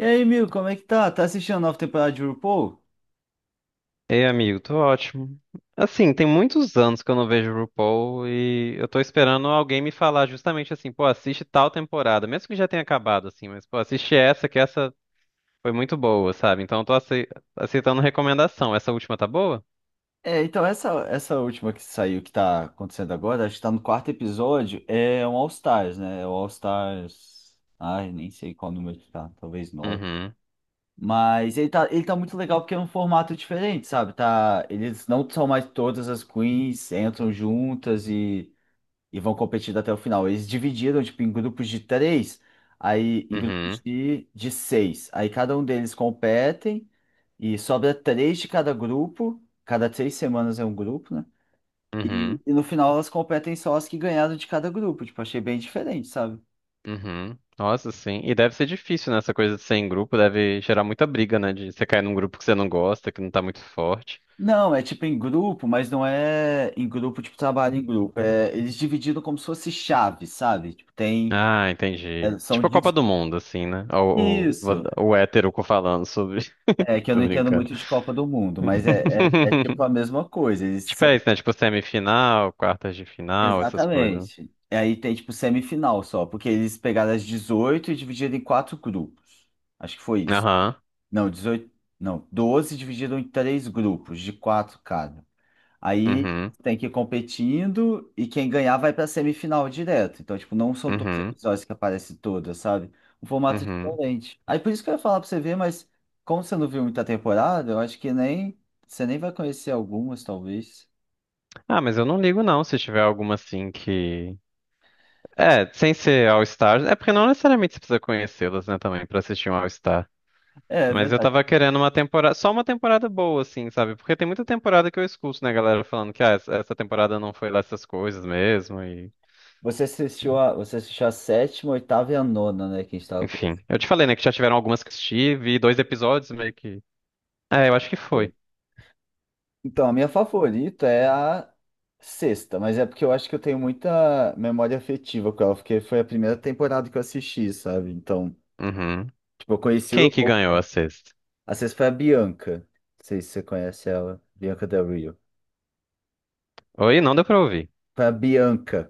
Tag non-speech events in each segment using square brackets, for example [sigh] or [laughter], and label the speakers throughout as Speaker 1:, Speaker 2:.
Speaker 1: E aí, Mil, como é que tá? Tá assistindo a nova temporada de RuPaul?
Speaker 2: Ei, amigo, tô ótimo. Assim, tem muitos anos que eu não vejo o RuPaul e eu tô esperando alguém me falar justamente assim, pô, assiste tal temporada, mesmo que já tenha acabado, assim, mas pô, assiste essa, que essa foi muito boa, sabe? Então eu tô aceitando recomendação. Essa última tá boa?
Speaker 1: É, então essa última que saiu, que tá acontecendo agora, acho que tá no quarto episódio, é um All Stars, né? É o All Stars. Ai, nem sei qual número que tá, talvez nove.
Speaker 2: Uhum,
Speaker 1: Mas ele tá muito legal porque é um formato diferente, sabe? Tá, eles não são mais todas as queens, entram juntas e vão competindo até o final. Eles dividiram, tipo, em grupos de três, aí em grupos
Speaker 2: uhum,
Speaker 1: de seis. Aí cada um deles competem e sobra três de cada grupo. Cada três semanas é um grupo, né? E,
Speaker 2: uhum,
Speaker 1: e no final elas competem só as que ganharam de cada grupo. Tipo, achei bem diferente, sabe?
Speaker 2: uhum. Nossa, sim. E deve ser difícil, né? Essa coisa de ser em grupo deve gerar muita briga, né? De você cair num grupo que você não gosta, que não tá muito forte.
Speaker 1: Não, é tipo em grupo, mas não é em grupo, tipo, trabalho em grupo. É, eles dividiram como se fosse chave, sabe? Tipo, tem.
Speaker 2: Ah, entendi.
Speaker 1: É, são
Speaker 2: Tipo a
Speaker 1: de.
Speaker 2: Copa do Mundo, assim, né? O,
Speaker 1: Isso.
Speaker 2: o, o hétero falando sobre.
Speaker 1: É
Speaker 2: [laughs]
Speaker 1: que eu
Speaker 2: Tô
Speaker 1: não entendo
Speaker 2: brincando.
Speaker 1: muito de Copa do Mundo, mas é tipo
Speaker 2: [laughs]
Speaker 1: a mesma coisa.
Speaker 2: Tipo, é isso, né? Tipo semifinal, quartas de final, essas coisas.
Speaker 1: Exatamente. E aí tem tipo semifinal só, porque eles pegaram as 18 e dividiram em quatro grupos. Acho que foi isso.
Speaker 2: Aham.
Speaker 1: Não, 18. Não, 12 dividiram em três grupos, de quatro cada. Aí
Speaker 2: Uhum.
Speaker 1: tem que ir competindo e quem ganhar vai pra semifinal direto. Então, tipo, não são todos os
Speaker 2: Uhum.
Speaker 1: episódios que aparecem todas, sabe? Um formato
Speaker 2: Uhum.
Speaker 1: diferente. Aí por isso que eu ia falar pra você ver, mas como você não viu muita temporada, eu acho que nem você nem vai conhecer algumas, talvez.
Speaker 2: Ah, mas eu não ligo, não, se tiver alguma assim que. É, sem ser All Stars. É porque não necessariamente você precisa conhecê-las, né, também, pra assistir um All Star.
Speaker 1: É, é
Speaker 2: Mas eu
Speaker 1: verdade.
Speaker 2: tava querendo uma temporada, só uma temporada boa, assim, sabe? Porque tem muita temporada que eu escuto, né, galera, falando que ah, essa temporada não foi lá essas coisas mesmo, e
Speaker 1: Você assistiu a sétima, oitava e a nona, né? Que a gente tava
Speaker 2: enfim. Eu
Speaker 1: conversando.
Speaker 2: te falei, né, que já tiveram algumas que assisti vi dois episódios meio que. É, eu acho que foi.
Speaker 1: Então, a minha favorita é a sexta, mas é porque eu acho que eu tenho muita memória afetiva com ela, porque foi a primeira temporada que eu assisti, sabe? Então,
Speaker 2: Uhum.
Speaker 1: eu conheci o
Speaker 2: Quem que
Speaker 1: RuPaul,
Speaker 2: ganhou a
Speaker 1: cara.
Speaker 2: sexta?
Speaker 1: A sexta foi a Bianca. Não sei se você conhece ela. Bianca Del Rio.
Speaker 2: Oi, não deu pra ouvir.
Speaker 1: Foi a Bianca.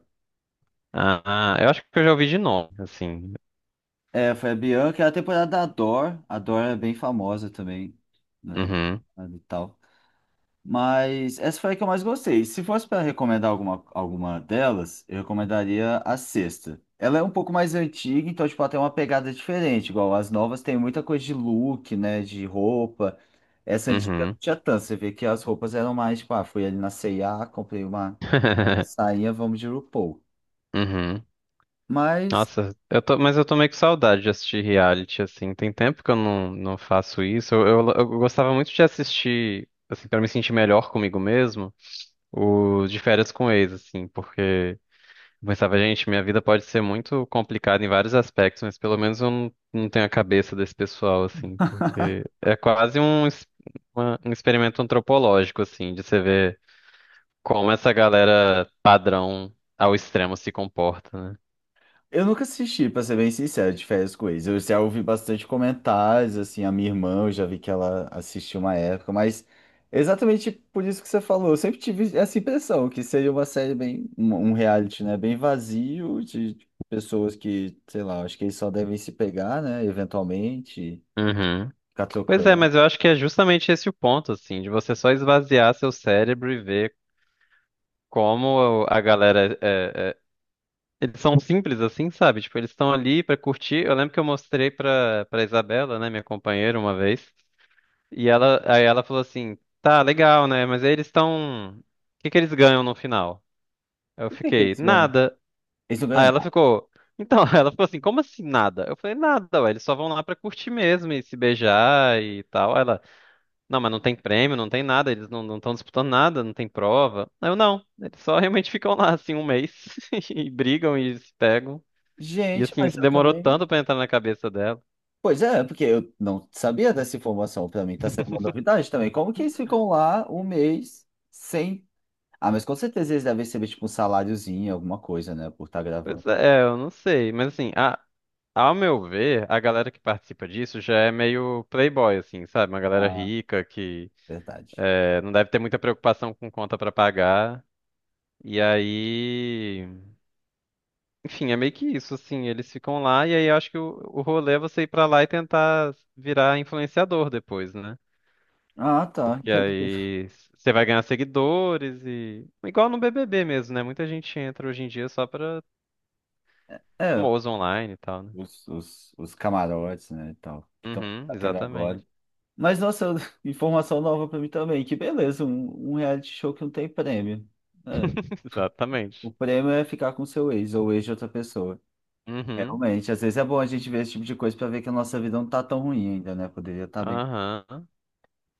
Speaker 2: Ah, ah, eu acho que eu já ouvi de nome, assim.
Speaker 1: É, foi a Bianca. É a temporada da Dor. A Dor é bem famosa também na
Speaker 2: Uhum,
Speaker 1: temporada e tal. Mas essa foi a que eu mais gostei. Se fosse para recomendar alguma, alguma delas, eu recomendaria a sexta. Ela é um pouco mais antiga, então, tipo, ela tem uma pegada diferente. Igual as novas tem muita coisa de look, né? De roupa. Essa antiga não
Speaker 2: uhum.
Speaker 1: tinha tanto. Você vê que as roupas eram mais, tipo, ah, fui ali na C&A, comprei uma a
Speaker 2: [laughs]
Speaker 1: sainha, vamos de RuPaul.
Speaker 2: Uhum.
Speaker 1: Mas
Speaker 2: Nossa, eu tô, mas eu tô meio com saudade de assistir reality, assim. Tem tempo que eu não, não faço isso. Eu gostava muito de assistir, assim, pra me sentir melhor comigo mesmo, o de férias com ex, assim, porque eu pensava, gente, minha vida pode ser muito complicada em vários aspectos, mas pelo menos eu não, não tenho a cabeça desse pessoal, assim, porque é quase um, uma- um experimento antropológico, assim, de você ver como essa galera padrão ao extremo se comporta, né?
Speaker 1: eu nunca assisti, pra ser bem sincero, de férias com ex. Eu já ouvi bastante comentários, assim, a minha irmã, eu já vi que ela assistiu uma época, mas exatamente por isso que você falou, eu sempre tive essa impressão, que seria uma série bem, um reality, né, bem vazio, de pessoas que, sei lá, acho que eles só devem se pegar, né, eventualmente,
Speaker 2: Uhum.
Speaker 1: ficar
Speaker 2: Pois é,
Speaker 1: trocando.
Speaker 2: mas eu acho que é justamente esse o ponto, assim, de você só esvaziar seu cérebro e ver como a galera é, eles são simples assim, sabe? Tipo, eles estão ali pra curtir. Eu lembro que eu mostrei pra para Isabela, né, minha companheira, uma vez, e ela aí ela falou assim: "Tá, legal, né? Mas aí eles estão o que eles ganham no final?" Eu
Speaker 1: Por que que
Speaker 2: fiquei:
Speaker 1: eles ganham?
Speaker 2: "Nada".
Speaker 1: Eles não
Speaker 2: Aí
Speaker 1: ganham
Speaker 2: ela
Speaker 1: nada.
Speaker 2: ficou. Então, [laughs] ela ficou assim, como assim nada? Eu falei, nada, ué, eles só vão lá pra curtir mesmo e se beijar e tal. Aí ela, não, mas não tem prêmio, não tem nada, eles não estão disputando nada, não tem prova. Aí eu não, eles só [laughs] realmente ficam lá assim um mês [laughs] e brigam e se pegam. E
Speaker 1: Gente,
Speaker 2: assim,
Speaker 1: mas
Speaker 2: isso
Speaker 1: eu
Speaker 2: demorou
Speaker 1: também.
Speaker 2: tanto pra entrar na cabeça dela.
Speaker 1: Pois é, porque eu não sabia dessa informação. Para mim, tá sendo uma novidade também. Como que eles ficam lá um mês sem. Ah, mas com certeza eles devem receber tipo um saláriozinho, alguma coisa, né? Por estar gravando.
Speaker 2: Pois é, eu não sei, mas assim, ao meu ver, a galera que participa disso já é meio playboy, assim, sabe? Uma galera
Speaker 1: Ah,
Speaker 2: rica que
Speaker 1: verdade.
Speaker 2: é, não deve ter muita preocupação com conta pra pagar. E aí. Enfim, é meio que isso, assim, eles ficam lá e aí eu acho que o rolê é você ir pra lá e tentar virar influenciador depois, né?
Speaker 1: Ah, tá,
Speaker 2: Porque
Speaker 1: entendi.
Speaker 2: aí você vai ganhar seguidores e... Igual no BBB mesmo, né? Muita gente entra hoje em dia só pra
Speaker 1: É,
Speaker 2: famoso online e tal, né?
Speaker 1: os camarotes, né? E tal, que estão
Speaker 2: Uhum,
Speaker 1: tendo agora.
Speaker 2: exatamente.
Speaker 1: Mas, nossa, [laughs] informação nova para mim também. Que beleza, um reality show que não tem prêmio. É,
Speaker 2: [laughs]
Speaker 1: o
Speaker 2: Exatamente.
Speaker 1: prêmio é ficar com seu ex ou ex de outra pessoa.
Speaker 2: Uhum,
Speaker 1: Realmente, às vezes é bom a gente ver esse tipo de coisa para ver que a nossa vida não tá tão ruim ainda, né? Poderia estar bem.
Speaker 2: aham.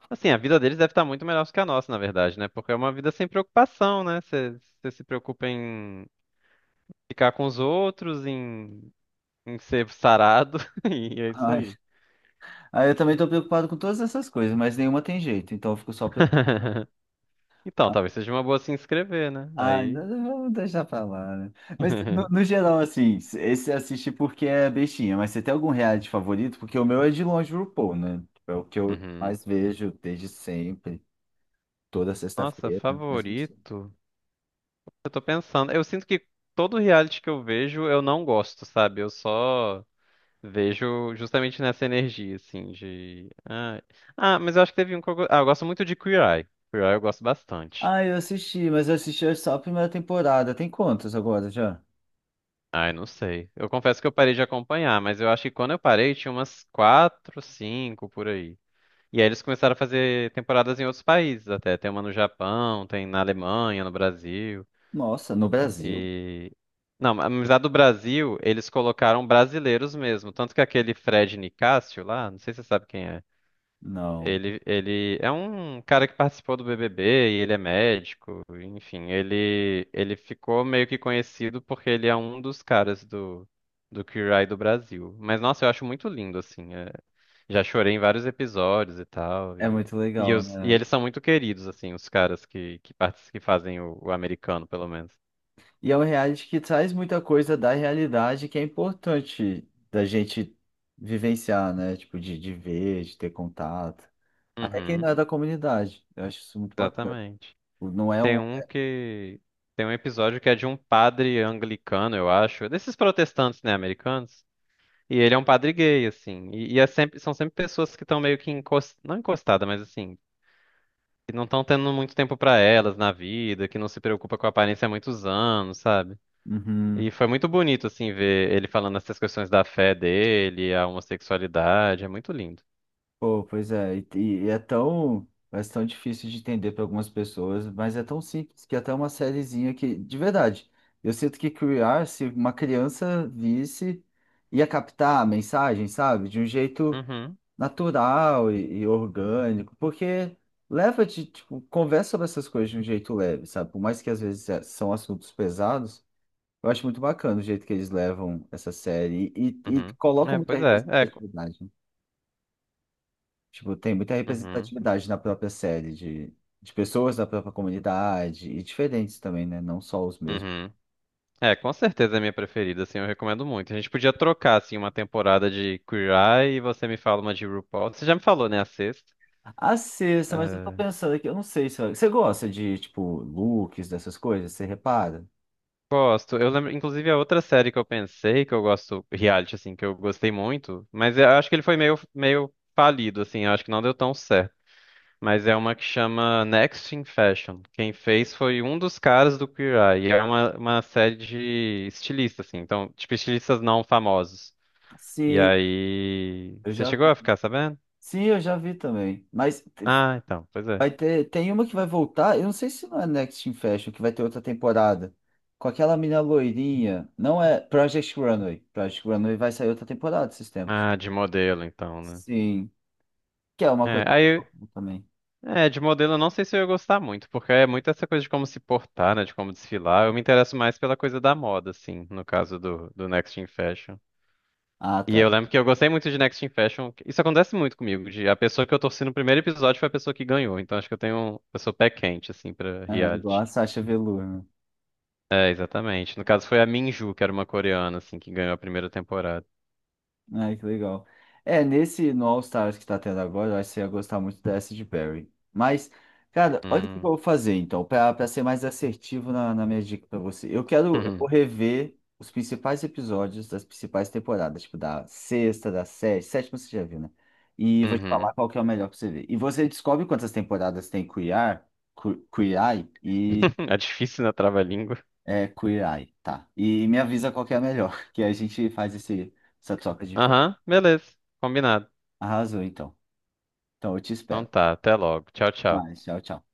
Speaker 2: Assim, a vida deles deve estar muito melhor que a nossa, na verdade, né? Porque é uma vida sem preocupação, né? Você se preocupa em ficar com os outros, em em ser sarado, [laughs] e é isso
Speaker 1: Ai,
Speaker 2: aí.
Speaker 1: aí eu também tô preocupado com todas essas coisas, mas nenhuma tem jeito, então eu fico só preocupado.
Speaker 2: [laughs] Então, talvez seja uma boa se inscrever, né?
Speaker 1: Ai,
Speaker 2: Aí.
Speaker 1: não, vamos deixar pra lá, né? Mas no
Speaker 2: [laughs]
Speaker 1: geral, assim, esse assiste porque é bestinha, mas você tem algum reality favorito? Porque o meu é de longe o RuPaul, né? Tipo, é o que eu
Speaker 2: Uhum.
Speaker 1: mais vejo desde sempre, toda
Speaker 2: Nossa,
Speaker 1: sexta-feira, né? Mas você.
Speaker 2: favorito? Eu tô pensando. Eu sinto que todo reality que eu vejo eu não gosto, sabe? Eu só vejo justamente nessa energia, assim, de. Ah, ah, mas eu acho que teve um que eu... ah, eu gosto muito de Queer Eye. Queer Eye eu gosto bastante.
Speaker 1: Ah, eu assisti, mas eu assisti só a primeira temporada. Tem quantas agora já?
Speaker 2: Ai, não sei. Eu confesso que eu parei de acompanhar, mas eu acho que quando eu parei tinha umas quatro, cinco por aí. E aí eles começaram a fazer temporadas em outros países até. Tem uma no Japão, tem na Alemanha, no Brasil.
Speaker 1: Nossa, no Brasil?
Speaker 2: E. Não, mas a do Brasil, eles colocaram brasileiros mesmo. Tanto que aquele Fred Nicásio lá, não sei se você sabe quem é.
Speaker 1: Não.
Speaker 2: Ele é um cara que participou do BBB e ele é médico, enfim, ele ficou meio que conhecido porque ele é um dos caras do Queer Eye do Brasil. Mas, nossa, eu acho muito lindo, assim, é- já chorei em vários episódios e tal,
Speaker 1: É muito
Speaker 2: e,
Speaker 1: legal,
Speaker 2: e
Speaker 1: né?
Speaker 2: eles são muito queridos, assim, os caras que, que fazem o americano, pelo menos.
Speaker 1: E é um reality que traz muita coisa da realidade que é importante da gente vivenciar, né? Tipo, de ver, de ter contato. Até quem não
Speaker 2: Uhum,
Speaker 1: é da comunidade. Eu acho isso muito bacana.
Speaker 2: exatamente.
Speaker 1: Tipo, não é
Speaker 2: Tem
Speaker 1: uma.
Speaker 2: um que, tem um episódio que é de um padre anglicano, eu acho, desses protestantes, né, americanos? E ele é um padre gay, assim. E é sempre, são sempre pessoas que estão meio que encost... não encostada, mas assim, que não estão tendo muito tempo pra elas na vida, que não se preocupa com a aparência há muitos anos, sabe? E
Speaker 1: Uhum.
Speaker 2: foi muito bonito, assim, ver ele falando essas questões da fé dele, a homossexualidade, é muito lindo.
Speaker 1: Pô, pois é. E, é tão. É tão difícil de entender para algumas pessoas, mas é tão simples que até uma sériezinha que, de verdade, eu sinto que criar, se uma criança visse, ia captar a mensagem, sabe? De um jeito
Speaker 2: Uhum,
Speaker 1: natural e orgânico, porque leva de, tipo, conversa sobre essas coisas de um jeito leve, sabe? Por mais que às vezes são assuntos pesados, eu acho muito bacana o jeito que eles levam essa série e
Speaker 2: uhum.
Speaker 1: colocam
Speaker 2: É,
Speaker 1: muita
Speaker 2: pois é. É, co-
Speaker 1: representatividade, né? Tipo, tem muita
Speaker 2: uhum,
Speaker 1: representatividade na própria série de pessoas da própria comunidade e diferentes também, né? Não só os mesmos.
Speaker 2: uhum. É, com certeza é minha preferida, assim, eu recomendo muito. A gente podia trocar, assim, uma temporada de Queer Eye e você me fala uma de RuPaul. Você já me falou, né, a sexta?
Speaker 1: A sexta, mas eu tô
Speaker 2: Ah,
Speaker 1: pensando aqui, eu não sei se você gosta de, tipo, looks, dessas coisas, você repara?
Speaker 2: gosto. Eu lembro, inclusive, a outra série que eu pensei que eu gosto, reality, assim, que eu gostei muito, mas eu acho que ele foi meio, meio falido, assim, eu acho que não deu tão certo. Mas é uma que chama Next in Fashion. Quem fez foi um dos caras do Queer Eye. E é uma série de estilistas, assim. Então, tipo, estilistas não famosos. E
Speaker 1: Sim,
Speaker 2: aí.
Speaker 1: eu
Speaker 2: Você
Speaker 1: já.
Speaker 2: chegou a ficar sabendo?
Speaker 1: Sim, eu já vi também. Mas
Speaker 2: Ah, então, pois é.
Speaker 1: vai ter, tem uma que vai voltar, eu não sei se não é Next in Fashion, que vai ter outra temporada. Com aquela mina loirinha, não é Project Runway. Project Runway vai sair outra temporada esses tempos.
Speaker 2: Ah, de modelo, então, né?
Speaker 1: Sim, que é uma
Speaker 2: É,
Speaker 1: coisa
Speaker 2: aí
Speaker 1: também.
Speaker 2: é, de modelo eu não sei se eu ia gostar muito, porque é muito essa coisa de como se portar, né, de como desfilar. Eu me interesso mais pela coisa da moda, assim, no caso do Next in Fashion.
Speaker 1: Ah,
Speaker 2: E eu
Speaker 1: tá.
Speaker 2: lembro que eu gostei muito de Next in Fashion. Isso acontece muito comigo, de a pessoa que eu torci no primeiro episódio foi a pessoa que ganhou. Então acho que eu tenho, um, eu sou pé quente, assim, pra
Speaker 1: Ah, igual
Speaker 2: reality.
Speaker 1: a Sasha Velour, né?
Speaker 2: É, exatamente. No caso foi a Minju, que era uma coreana, assim, que ganhou a primeira temporada.
Speaker 1: Ai, que legal. É, nesse no All Stars que tá tendo agora, eu acho que você ia gostar muito dessa de Barry. Mas, cara, olha o que eu
Speaker 2: Hum.
Speaker 1: vou fazer então, pra ser mais assertivo na minha dica pra você. Eu vou
Speaker 2: Uhum.
Speaker 1: rever os principais episódios das principais temporadas, tipo da sexta, da sétima, sétima você já viu, né? E vou te falar
Speaker 2: Uhum.
Speaker 1: qual que é o melhor pra você ver. E você descobre quantas temporadas tem Queer, Queer Eye,
Speaker 2: [laughs] É difícil na trava-língua.
Speaker 1: é, Queer Eye, tá? E me avisa qual que é a melhor, [laughs] que a gente faz essa troca de info.
Speaker 2: Aham, beleza. Combinado.
Speaker 1: Arrasou então. Então eu te
Speaker 2: Então
Speaker 1: espero.
Speaker 2: tá, até logo. Tchau, tchau.
Speaker 1: Mas, tchau, tchau.